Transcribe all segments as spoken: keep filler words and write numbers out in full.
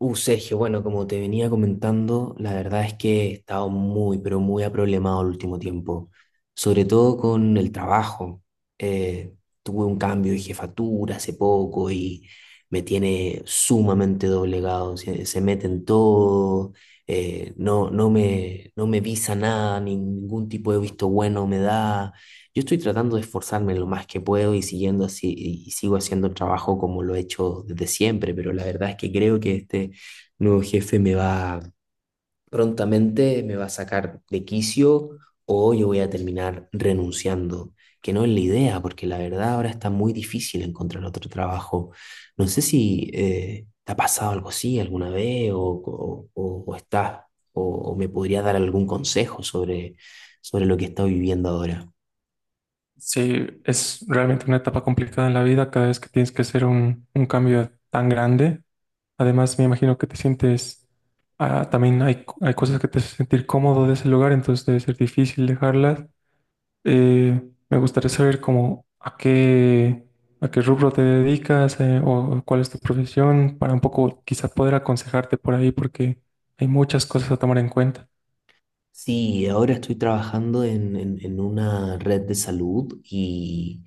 Uh, Sergio, bueno, como te venía comentando, la verdad es que he estado muy, pero muy aproblemado el último tiempo, sobre todo con el trabajo. Eh, Tuve un cambio de jefatura hace poco y me tiene sumamente doblegado, se, se mete en todo, eh, no, no me, no me visa nada, ningún tipo de visto bueno me da. Yo estoy tratando de esforzarme lo más que puedo y siguiendo así, y sigo haciendo el trabajo como lo he hecho desde siempre, pero la verdad es que creo que este nuevo jefe me va prontamente, me va a sacar de quicio o yo voy a terminar renunciando, que no es la idea, porque la verdad ahora está muy difícil encontrar otro trabajo. No sé si eh, te ha pasado algo así alguna vez o, o, o- o estás, o, o me podría dar algún consejo sobre, sobre lo que estoy viviendo ahora. Sí, es realmente una etapa complicada en la vida cada vez que tienes que hacer un, un cambio tan grande. Además, me imagino que te sientes, ah, también hay, hay cosas que te hacen sentir cómodo de ese lugar, entonces debe ser difícil dejarlas. Eh, Me gustaría saber cómo, a qué, a qué rubro te dedicas, eh, o cuál es tu profesión, para un poco quizá poder aconsejarte por ahí, porque hay muchas cosas a tomar en cuenta. Sí, ahora estoy trabajando en, en en una red de salud y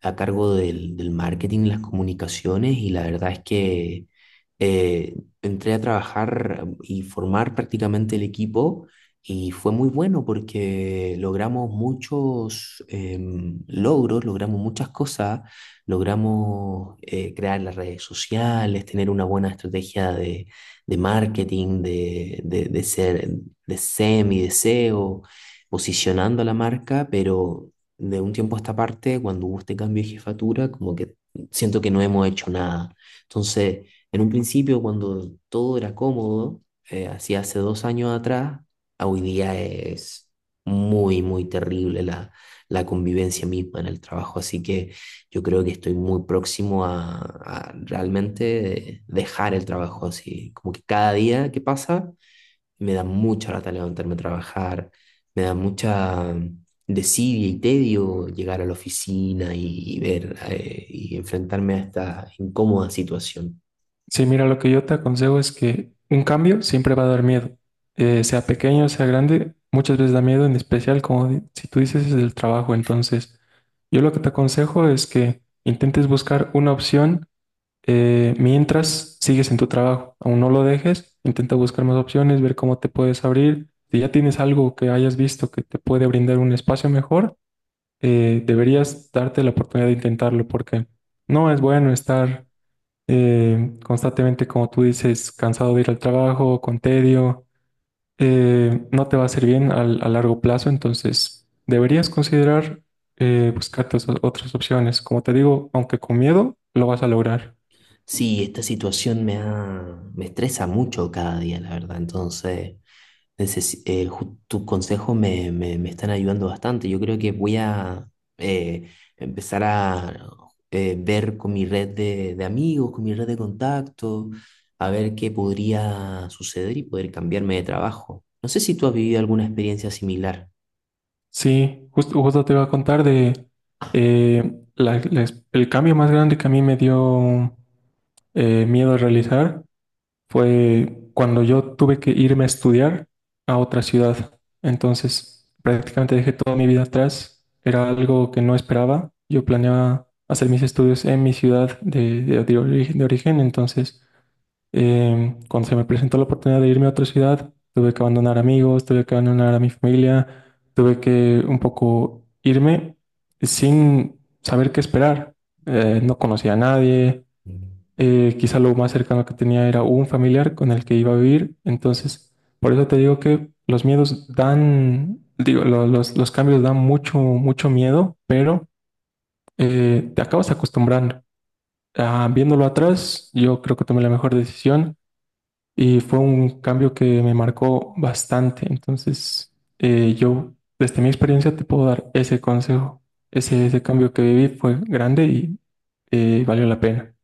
a cargo del, del marketing, y las comunicaciones y la verdad es que eh, entré a trabajar y formar prácticamente el equipo y fue muy bueno porque logramos muchos em, logros, logramos muchas cosas, logramos eh, crear las redes sociales, tener una buena estrategia de, de marketing, de, de, de ser de S E M y de S E O posicionando a la marca, pero de un tiempo a esta parte, cuando hubo este cambio de jefatura, como que siento que no hemos hecho nada. Entonces, en un principio, cuando todo era cómodo, eh, así hace dos años atrás, a hoy día es muy, muy terrible la, la convivencia misma en el trabajo. Así que yo creo que estoy muy próximo a, a realmente dejar el trabajo así. Como que cada día que pasa me da mucha lata levantarme a trabajar, me da mucha mm, desidia y tedio llegar a la oficina y, y ver eh, y enfrentarme a esta incómoda situación. Sí, mira, lo que yo te aconsejo es que un cambio siempre va a dar miedo. Eh, sea pequeño, sea grande, muchas veces da miedo, en especial como di- si tú dices es del trabajo. Entonces, yo lo que te aconsejo es que intentes buscar una opción, eh, mientras sigues en tu trabajo, aún no lo dejes, intenta buscar más opciones, ver cómo te puedes abrir. Si ya tienes algo que hayas visto que te puede brindar un espacio mejor, eh, deberías darte la oportunidad de intentarlo porque no es bueno estar eh, constantemente, como tú dices, cansado de ir al trabajo, con tedio. Eh, no te va a hacer bien al- a largo plazo, entonces deberías considerar, eh, buscarte os- otras opciones. Como te digo, aunque con miedo, lo vas a lograr. Sí, esta situación me ha, me estresa mucho cada día, la verdad. Entonces, neces- eh, ju- tus consejos me, me, me están ayudando bastante. Yo creo que voy a eh, empezar a eh, ver con mi red de, de amigos, con mi red de contactos, a ver qué podría suceder y poder cambiarme de trabajo. No sé si tú has vivido alguna experiencia similar. Sí, justo, justo te iba a contar de, eh, la- la- el cambio más grande que a mí me dio eh, miedo a realizar fue cuando yo tuve que irme a estudiar a otra ciudad. Entonces, prácticamente dejé toda mi vida atrás. Era algo que no esperaba. Yo planeaba hacer mis estudios en mi ciudad de, de- de origen, de origen. Entonces, em, cuando se me presentó la oportunidad de irme a otra ciudad, tuve que abandonar amigos, tuve que abandonar a mi familia, tuve que un poco irme sin saber qué esperar. Eh, no conocía a nadie, eh, quizá lo más cercano que tenía era un familiar con el que iba a vivir. Entonces, por eso te digo que los miedos dan, digo, lo- los, los cambios dan mucho, mucho miedo, pero eh, te acabas acostumbrando. Ah, viéndolo atrás, yo creo que tomé la mejor decisión y fue un cambio que me marcó bastante. Entonces, eh, yo, desde mi experiencia, te puedo dar ese consejo. Ese, ese cambio que viví fue grande y, eh, valió la pena.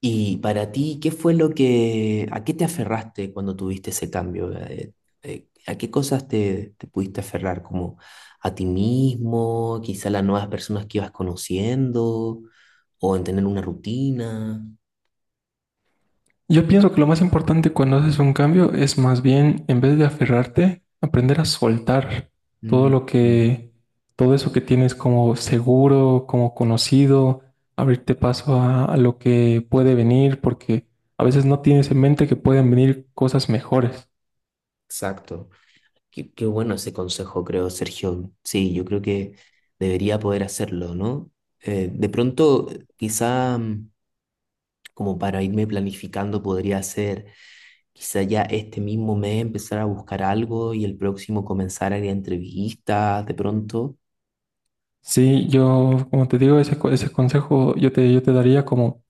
Y para ti, ¿qué fue lo que, a qué te aferraste cuando tuviste ese cambio? Eh, eh, ¿a qué cosas te, te pudiste aferrar? ¿Como a ti mismo, quizá a las nuevas personas que ibas conociendo, o en tener una rutina? Yo pienso que lo más importante cuando haces un cambio es más bien, en vez de aferrarte, aprender a soltar todo Mm, lo mm, que, todo eso que tienes como seguro, como conocido, abrirte paso a, a lo que puede venir, porque a veces no tienes en mente que pueden venir cosas mejores. exacto. Qué, qué bueno ese consejo, creo, Sergio. Sí, yo creo que debería poder hacerlo, ¿no? Eh, de pronto, quizá mm, como para irme planificando, podría ser quizá ya este mismo mes empezar a buscar algo y el próximo comenzar a ir a entrevistas de pronto. Sí, yo, como te digo, ese, co- ese consejo yo te, yo te daría como: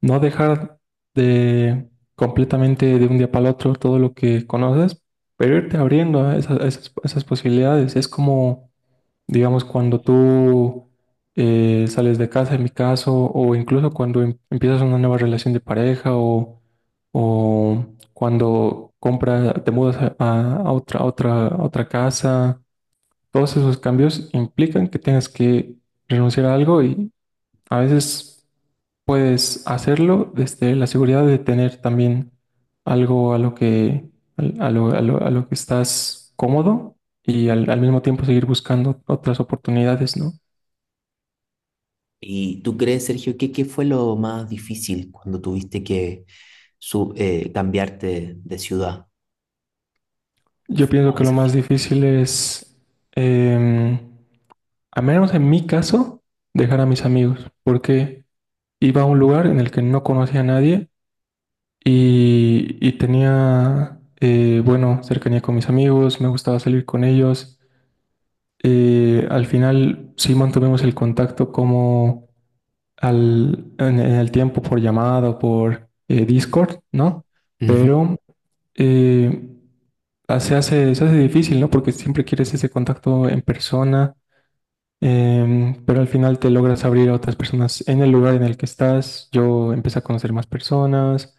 no dejar de completamente de un día para el otro todo lo que conoces, pero irte abriendo a esa- a esas, a esas posibilidades. Es como, digamos, cuando tú, eh, sales de casa, en mi caso, o incluso cuando em- empiezas una nueva relación de pareja o, o cuando compras, te mudas a, a- a otra, a otra, a otra casa. Todos esos cambios implican que tengas que renunciar a algo. A veces puedes hacerlo desde la seguridad de tener también algo a lo que, al- a lo, a lo- a lo que estás cómodo y al, al mismo tiempo seguir buscando otras oportunidades, ¿no? ¿Y tú crees, Sergio, que qué fue lo más difícil cuando tuviste que su- eh, cambiarte de ciudad? Yo pienso ¿Cuál que lo más desafío? difícil es, eh, a menos en mi caso, dejar a mis amigos, porque iba a un lugar en el que no conocía a nadie y, y tenía, eh, bueno, cercanía con mis amigos, me gustaba salir con ellos. Eh, al final sí mantuvimos el contacto como al, en, en el tiempo por llamada o por, eh, Discord, ¿no? Ujú. Pero, eh, ah, se hace, se hace difícil, ¿no? Porque siempre quieres ese contacto en persona. Em, pero al final te logras abrir a otras personas en el lugar en el que estás. Yo empecé a conocer más personas,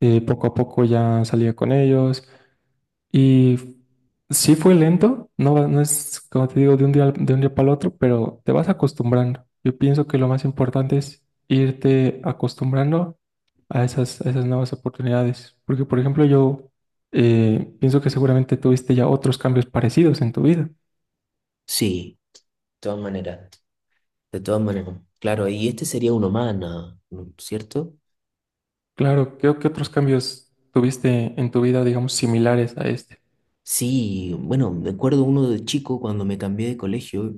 eh, poco a poco ya salía con ellos. Y sí fue lento, no, no es como te digo de un día, al- de un día para el otro, pero te vas acostumbrando. Yo pienso que lo más importante es irte acostumbrando a esas, a esas nuevas oportunidades. Porque, por ejemplo, yo, eh, pienso que seguramente tuviste ya otros cambios parecidos en tu vida. Sí, de todas maneras, de todas maneras. Claro, y este sería uno más, ¿no? ¿No es ¿cierto? Claro, creo que otros cambios tuviste en tu vida, digamos, similares a este. Sí, bueno, me acuerdo uno de chico cuando me cambié de colegio.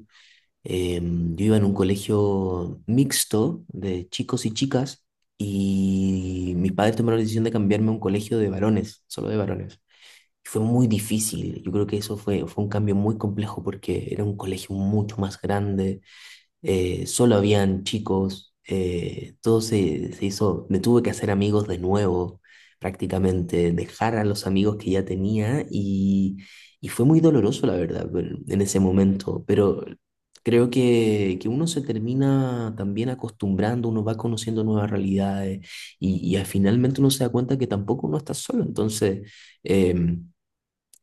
Em, yo iba en un colegio mixto de chicos y chicas y mis padres tomaron la decisión de cambiarme a un colegio de varones, solo de varones. Fue muy difícil, yo creo que eso fue, fue un cambio muy complejo porque era un colegio mucho más grande, eh, solo habían chicos, eh, todo se, se hizo, me tuve que hacer amigos de nuevo, prácticamente, dejar a los amigos que ya tenía y, y fue muy doloroso, la verdad, pero en ese momento, pero creo que, que uno se termina también acostumbrando, uno va conociendo nuevas realidades y, y al- finalmente uno se da cuenta que tampoco uno está solo, entonces em,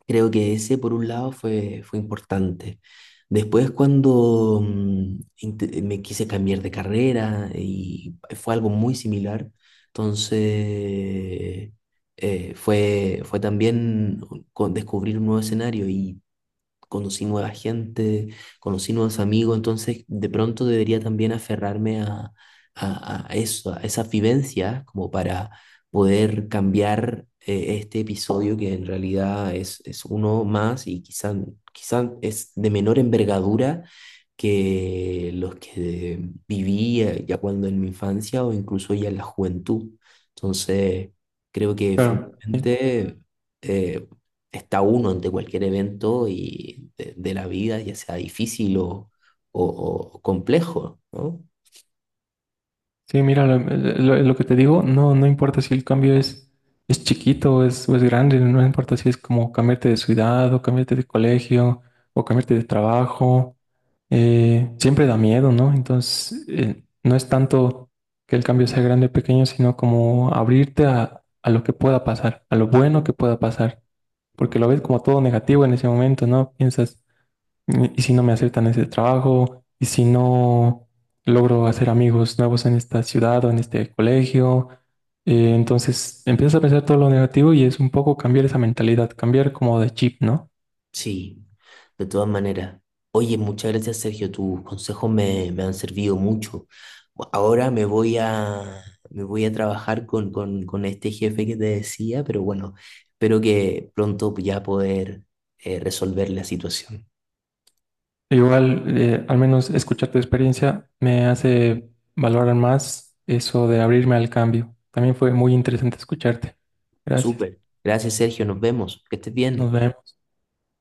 creo que ese, por un lado, fue, fue importante. Después, cuando mm, inte- me quise cambiar de carrera y fue algo muy similar, entonces eh, fue, fue también con- descubrir un nuevo escenario y conocí nueva gente, conocí nuevos amigos, entonces de pronto debería también aferrarme a, a, a eso, a esa vivencia como para poder cambiar eh, este episodio que en realidad es, es uno más y quizás quizá es de menor envergadura que los que viví eh, ya cuando en mi infancia o incluso ya en la juventud. Entonces, creo que Claro. finalmente eh, está uno ante cualquier evento y de, de la vida, ya sea difícil o, o- o complejo, ¿no? Sí, mira, lo, lo- lo que te digo, no, no importa si el cambio es, es chiquito o es, o es grande, no no importa si es como cambiarte de ciudad o cambiarte de colegio o cambiarte de trabajo. Eh, siempre da miedo, ¿no? Entonces, eh, no es tanto que el cambio sea grande o pequeño, sino como abrirte a, a lo que pueda pasar, a lo bueno que pueda pasar, porque lo ves como todo negativo en ese momento, ¿no? Piensas, ¿y si no me aceptan ese trabajo?, ¿y si no logro hacer amigos nuevos en esta ciudad o en este colegio? Eh, entonces empiezas a pensar todo lo negativo y es un poco cambiar esa mentalidad, cambiar como de chip, ¿no? Sí, de todas maneras. Oye, muchas gracias, Sergio. Tus consejos me, me han servido mucho. Ahora me voy a, me voy a trabajar con, con, con este jefe que te decía, pero bueno, espero que pronto ya poder eh, resolver la situación. Igual, eh, al menos escuchar tu experiencia me hace valorar más eso de abrirme al cambio. También fue muy interesante escucharte. Gracias. Súper. Gracias, Sergio. Nos vemos. Que estés Nos bien. vemos.